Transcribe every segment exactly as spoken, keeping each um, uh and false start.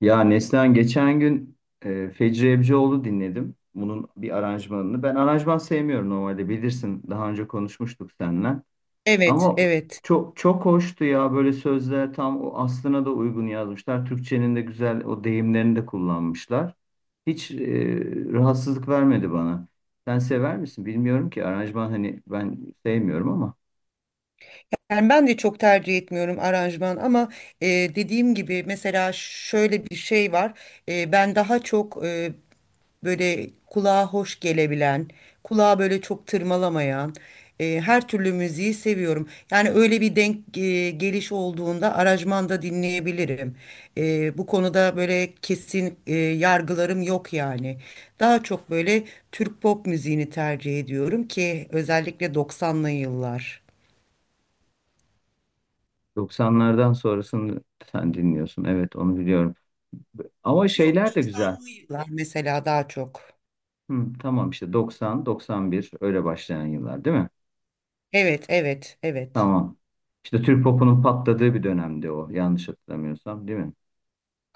Ya Neslihan geçen gün e, Fecri Ebcioğlu dinledim. Bunun bir aranjmanını. Ben aranjman sevmiyorum normalde bilirsin. Daha önce konuşmuştuk seninle. Evet, Ama evet. çok çok hoştu ya, böyle sözler tam o aslına da uygun yazmışlar. Türkçenin de güzel o deyimlerini de kullanmışlar. Hiç e, rahatsızlık vermedi bana. Sen sever misin? Bilmiyorum ki aranjman, hani ben sevmiyorum ama Yani ben de çok tercih etmiyorum aranjman ama e, dediğim gibi mesela şöyle bir şey var. E, ben daha çok e, böyle kulağa hoş gelebilen, kulağa böyle çok tırmalamayan e, her türlü müziği seviyorum. Yani öyle bir denk e, geliş olduğunda aranjmanda dinleyebilirim. E, bu konuda böyle kesin e, yargılarım yok yani. Daha çok böyle Türk pop müziğini tercih ediyorum ki özellikle doksanlı yıllar. doksanlardan sonrasını sen dinliyorsun. Evet, onu biliyorum. Ama şeyler de güzel. Tarkanlar mesela daha çok. Hı, tamam işte doksan, doksan bir öyle başlayan yıllar değil mi? Evet, evet, evet. Tamam. İşte Türk popunun patladığı bir dönemdi o, yanlış hatırlamıyorsam değil mi?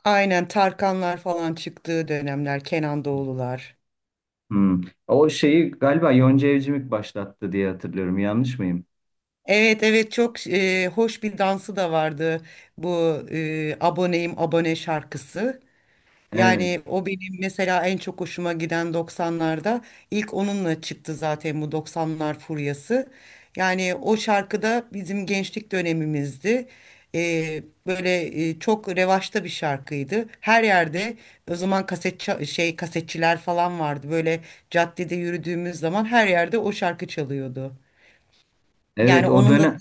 Aynen Tarkanlar falan çıktığı dönemler, Kenan Doğulular. Hı. O şeyi galiba Yonca Evcimik başlattı diye hatırlıyorum, yanlış mıyım? Evet, evet, çok e, hoş bir dansı da vardı bu e, aboneyim abone şarkısı. Evet. Yani o benim mesela en çok hoşuma giden doksanlarda ilk onunla çıktı zaten bu doksanlar furyası. Yani o şarkıda bizim gençlik dönemimizdi. Ee, böyle e, çok revaçta bir şarkıydı. Her yerde o zaman kaset ça- şey kasetçiler falan vardı. Böyle caddede yürüdüğümüz zaman her yerde o şarkı çalıyordu. Yani Evet, o onun da dönem.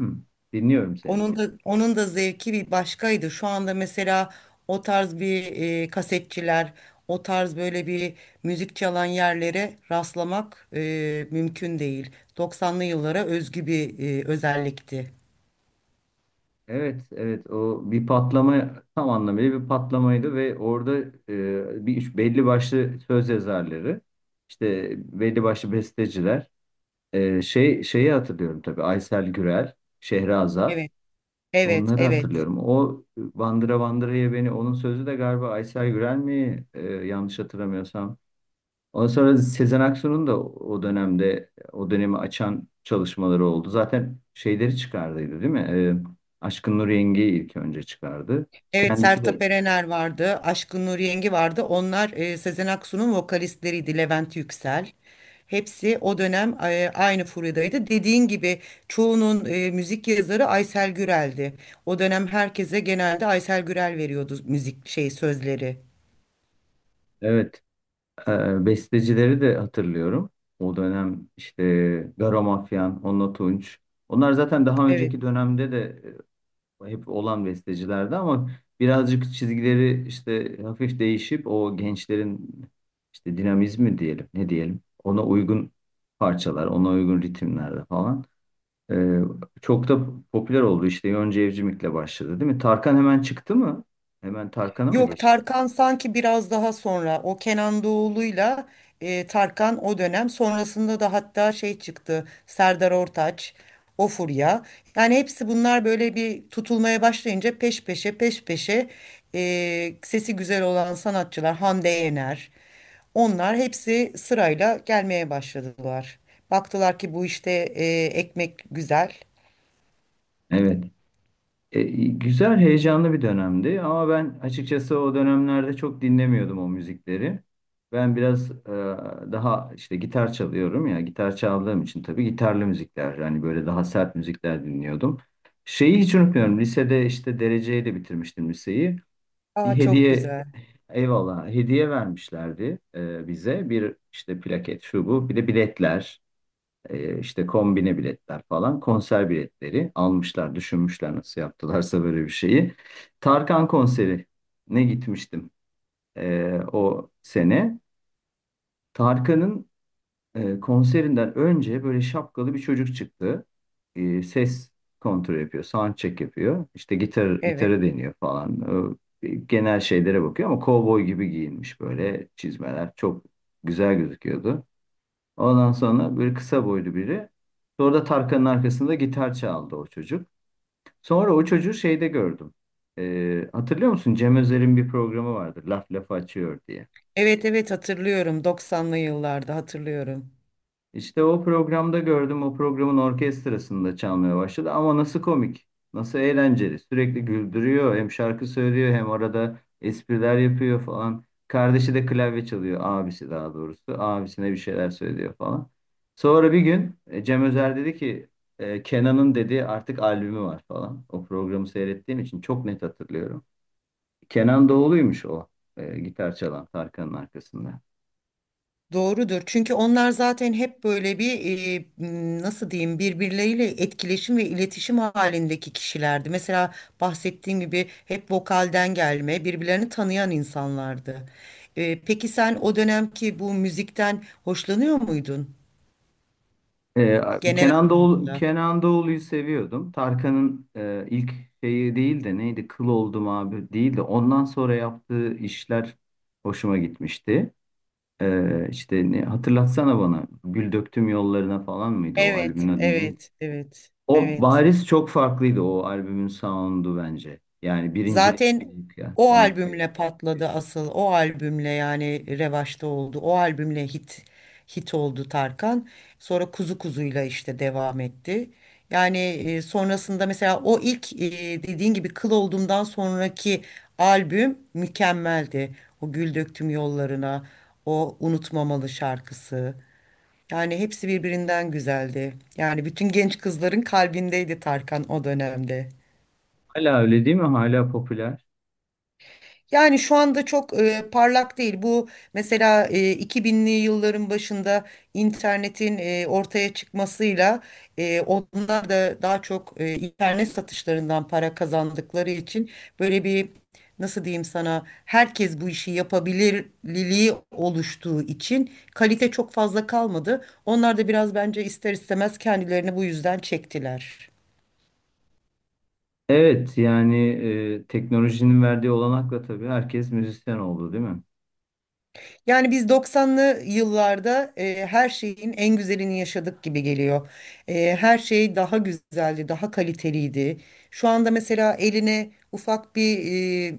Hı, dinliyorum seni. onun da onun da zevki bir başkaydı. Şu anda mesela o tarz bir e, kasetçiler, o tarz böyle bir müzik çalan yerlere rastlamak e, mümkün değil. Doksanlı yıllara özgü bir e, özellikti. Evet, evet, o bir patlama, tam anlamıyla bir patlamaydı ve orada e, bir belli başlı söz yazarları, işte belli başlı besteciler. Ee, şey şeyi hatırlıyorum tabii, Aysel Gürel, Şehrazat, Evet, evet, onları evet. hatırlıyorum. O Bandıra Bandıra'ya beni, onun sözü de galiba Aysel Gürel mi, Ee, yanlış hatırlamıyorsam. Ondan sonra Sezen Aksu'nun da o dönemde o dönemi açan çalışmaları oldu. Zaten şeyleri çıkardıydı değil mi? Ee, Aşkın Nur Yengi'yi ilk önce çıkardı. Evet, Kendisi Sertab de Erener vardı, Aşkın Nur Yengi vardı. Onlar e, Sezen Aksu'nun vokalistleriydi, Levent Yüksel. Hepsi o dönem e, aynı furyadaydı. Dediğin gibi çoğunun e, müzik yazarı Aysel Gürel'di. O dönem herkese genelde Aysel Gürel veriyordu müzik şey sözleri. evet. Ee, bestecileri de hatırlıyorum. O dönem işte Garo Mafyan, Onno Tunç. Onlar zaten daha önceki Evet. dönemde de e, hep olan bestecilerdi ama birazcık çizgileri işte hafif değişip o gençlerin işte dinamizmi diyelim, ne diyelim, ona uygun parçalar, ona uygun ritimlerde falan. Ee, Çok da popüler oldu işte, Yonca Evcimik'le başladı değil mi? Tarkan hemen çıktı mı? Hemen Tarkan'a mı Yok, geçti? Tarkan sanki biraz daha sonra o Kenan Doğulu'yla, e, Tarkan o dönem sonrasında da, hatta şey çıktı Serdar Ortaç, o furya. Yani hepsi bunlar böyle bir tutulmaya başlayınca, peş peşe peş peşe e, sesi güzel olan sanatçılar, Hande Yener, onlar hepsi sırayla gelmeye başladılar. Baktılar ki bu işte e, ekmek güzel. Evet. E, güzel, heyecanlı bir dönemdi ama ben açıkçası o dönemlerde çok dinlemiyordum o müzikleri. Ben biraz e, daha işte gitar çalıyorum ya, gitar çaldığım için tabii gitarlı müzikler, yani böyle daha sert müzikler dinliyordum. Şeyi hiç unutmuyorum, lisede işte dereceyle bitirmiştim liseyi. Bir Aa, çok hediye, güzel. eyvallah, hediye vermişlerdi e, bize. Bir işte plaket, şu bu, bir de biletler. E, işte kombine biletler falan, konser biletleri almışlar, düşünmüşler nasıl yaptılarsa böyle bir şeyi. Tarkan konseri ne gitmiştim e, o sene. Tarkan'ın e, konserinden önce böyle şapkalı bir çocuk çıktı. E, ses kontrol yapıyor, sound check yapıyor. İşte gitar Evet. gitarı deniyor falan. E, genel şeylere bakıyor ama kovboy gibi giyinmiş, böyle çizmeler çok güzel gözüküyordu. Ondan sonra böyle kısa boylu biri. Sonra da Tarkan'ın arkasında gitar çaldı o çocuk. Sonra o çocuğu şeyde gördüm. Ee, hatırlıyor musun? Cem Özer'in bir programı vardı. Laf lafı açıyor diye. Evet, evet, hatırlıyorum, doksanlı yıllarda hatırlıyorum. İşte o programda gördüm, o programın orkestrasında çalmaya başladı. Ama nasıl komik, nasıl eğlenceli. Sürekli güldürüyor, hem şarkı söylüyor, hem arada espriler yapıyor falan. Kardeşi de klavye çalıyor, abisi daha doğrusu. Abisine bir şeyler söylüyor falan. Sonra bir gün e, Cem Özer dedi ki, e, Kenan'ın dedi artık albümü var falan. O programı seyrettiğim için çok net hatırlıyorum. Kenan Doğulu'ymuş o, e, gitar çalan Tarkan'ın arkasında. Doğrudur. Çünkü onlar zaten hep böyle bir e, m, nasıl diyeyim, birbirleriyle etkileşim ve iletişim halindeki kişilerdi. Mesela bahsettiğim gibi hep vokalden gelme, birbirlerini tanıyan insanlardı. E, peki sen o dönemki bu müzikten hoşlanıyor muydun Ee, genel Kenan Doğulu, anlamda? Kenan Doğulu'yu seviyordum. Tarkan'ın e, ilk şeyi değil de neydi? Kıl oldum abi değil de ondan sonra yaptığı işler hoşuma gitmişti. Ee, işte ne, hatırlatsana bana. Gül döktüm yollarına falan mıydı o Evet, albümün adı, neydi? evet, evet, O evet. bariz çok farklıydı, o albümün sound'u bence. Yani birincilik Zaten o kıyaslamak gerek. albümle patladı asıl. O albümle yani revaçta oldu. O albümle hit hit oldu Tarkan. Sonra Kuzu Kuzu'yla işte devam etti. Yani e, sonrasında mesela o ilk, e, dediğin gibi, Kıl Oldum'dan sonraki albüm mükemmeldi. O Gül Döktüm Yollarına, o Unutmamalı şarkısı. Yani hepsi birbirinden güzeldi. Yani bütün genç kızların kalbindeydi Tarkan o dönemde. Hala öyle değil mi? Hala popüler. Yani şu anda çok e, parlak değil. Bu mesela e, iki binli yılların başında, internetin e, ortaya çıkmasıyla, e, onlar da daha çok e, internet satışlarından para kazandıkları için, böyle bir, nasıl diyeyim sana, herkes bu işi yapabilirliliği oluştuğu için kalite çok fazla kalmadı. Onlar da biraz bence ister istemez kendilerini bu yüzden çektiler. Evet, yani e, teknolojinin verdiği olanakla tabii herkes müzisyen oldu değil mi? Yani biz doksanlı yıllarda e, her şeyin en güzelini yaşadık gibi geliyor. E, her şey daha güzeldi, daha kaliteliydi. Şu anda mesela eline ufak bir e,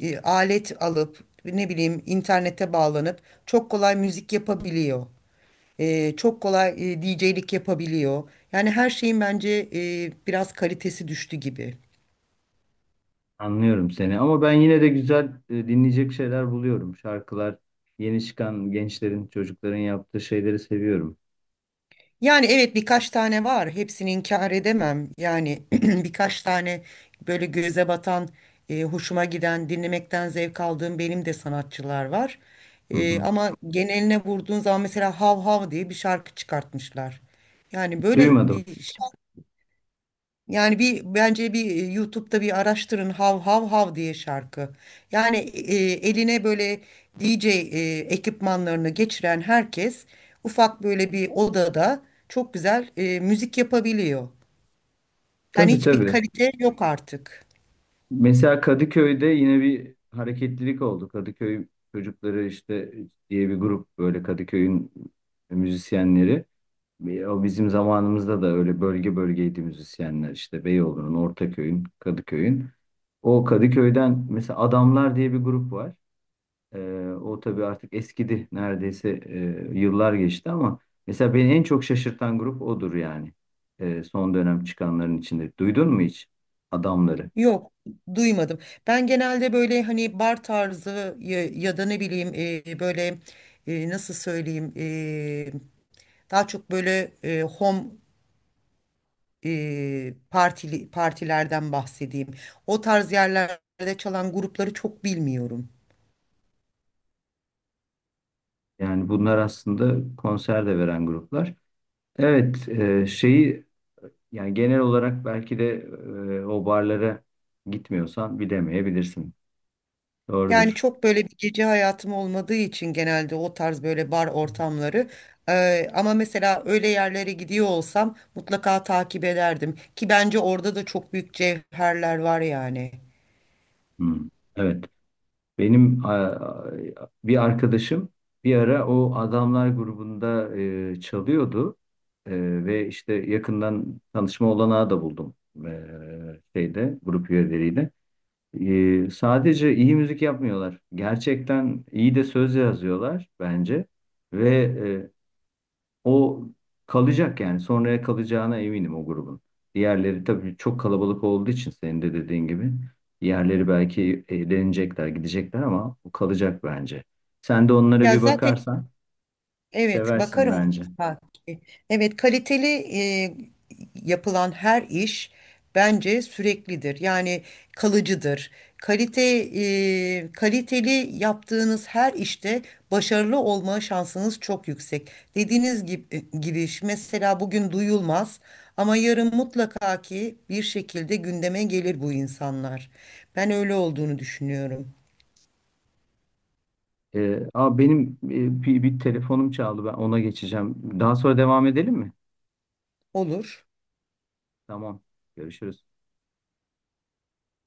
e, alet alıp, ne bileyim, internete bağlanıp çok kolay müzik yapabiliyor. E, çok kolay e, D J'lik yapabiliyor. Yani her şeyin bence e, biraz kalitesi düştü gibi. Anlıyorum seni ama ben yine de güzel e, dinleyecek şeyler buluyorum. Şarkılar, yeni çıkan gençlerin, çocukların yaptığı şeyleri seviyorum. Yani evet, birkaç tane var. Hepsini inkar edemem. Yani birkaç tane böyle göze batan, e, hoşuma giden, dinlemekten zevk aldığım benim de sanatçılar var. Hı E, hı. Ama geneline vurduğun zaman, mesela Hav Hav diye bir şarkı çıkartmışlar. Yani böyle Duymadım. bir, yani bir, bence bir e, YouTube'da bir araştırın hav hav hav diye şarkı. Yani e, eline böyle D J e, ekipmanlarını geçiren herkes, ufak böyle bir odada çok güzel e, müzik yapabiliyor. Yani Tabii hiçbir tabii. kalite yok artık. Mesela Kadıköy'de yine bir hareketlilik oldu. Kadıköy çocukları işte diye bir grup, böyle Kadıköy'ün müzisyenleri. E, O bizim zamanımızda da öyle bölge bölgeydi müzisyenler, işte Beyoğlu'nun, Ortaköy'ün, Kadıköy'ün. O Kadıköy'den mesela Adamlar diye bir grup var. Ee, o tabii artık eskidi. Neredeyse e, yıllar geçti ama mesela beni en çok şaşırtan grup odur yani. Ee, son dönem çıkanların içinde. Duydun mu hiç adamları? Yok, duymadım. Ben genelde böyle hani bar tarzı ya, ya da ne bileyim, e, böyle, e, nasıl söyleyeyim, e, daha çok böyle e, home e, partili partilerden bahsedeyim. O tarz yerlerde çalan grupları çok bilmiyorum. Yani bunlar aslında konser de veren gruplar. Evet, e, şeyi, yani genel olarak belki de e, o barlara gitmiyorsan bilemeyebilirsin. Yani Doğrudur. çok böyle bir gece hayatım olmadığı için, genelde o tarz böyle bar ortamları. E, ama mesela öyle yerlere gidiyor olsam mutlaka takip ederdim, ki bence orada da çok büyük cevherler var yani. Hmm. Evet. Benim a- Bir arkadaşım bir ara o adamlar grubunda e, çalıyordu. E, ve işte yakından tanışma olanağı da buldum e, şeyde grup üyeleriyle. E, sadece iyi müzik yapmıyorlar. Gerçekten iyi de söz yazıyorlar bence ve e, o kalacak yani. Sonraya kalacağına eminim o grubun. Diğerleri tabii çok kalabalık olduğu için, senin de dediğin gibi. Diğerleri belki eğlenecekler, gidecekler ama o kalacak bence. Sen de onlara Ya bir zaten, bakarsan evet, seversin bakarım bence. mutlaka, ki. Evet, kaliteli e, yapılan her iş bence süreklidir. Yani kalıcıdır. Kalite e, kaliteli yaptığınız her işte başarılı olma şansınız çok yüksek. Dediğiniz gibi, gibi ş- mesela bugün duyulmaz ama yarın mutlaka ki bir şekilde gündeme gelir bu insanlar. Ben öyle olduğunu düşünüyorum. Ee, aa benim e, bir, bir telefonum çaldı. Ben ona geçeceğim. Daha sonra devam edelim mi? Olur. Tamam. Görüşürüz.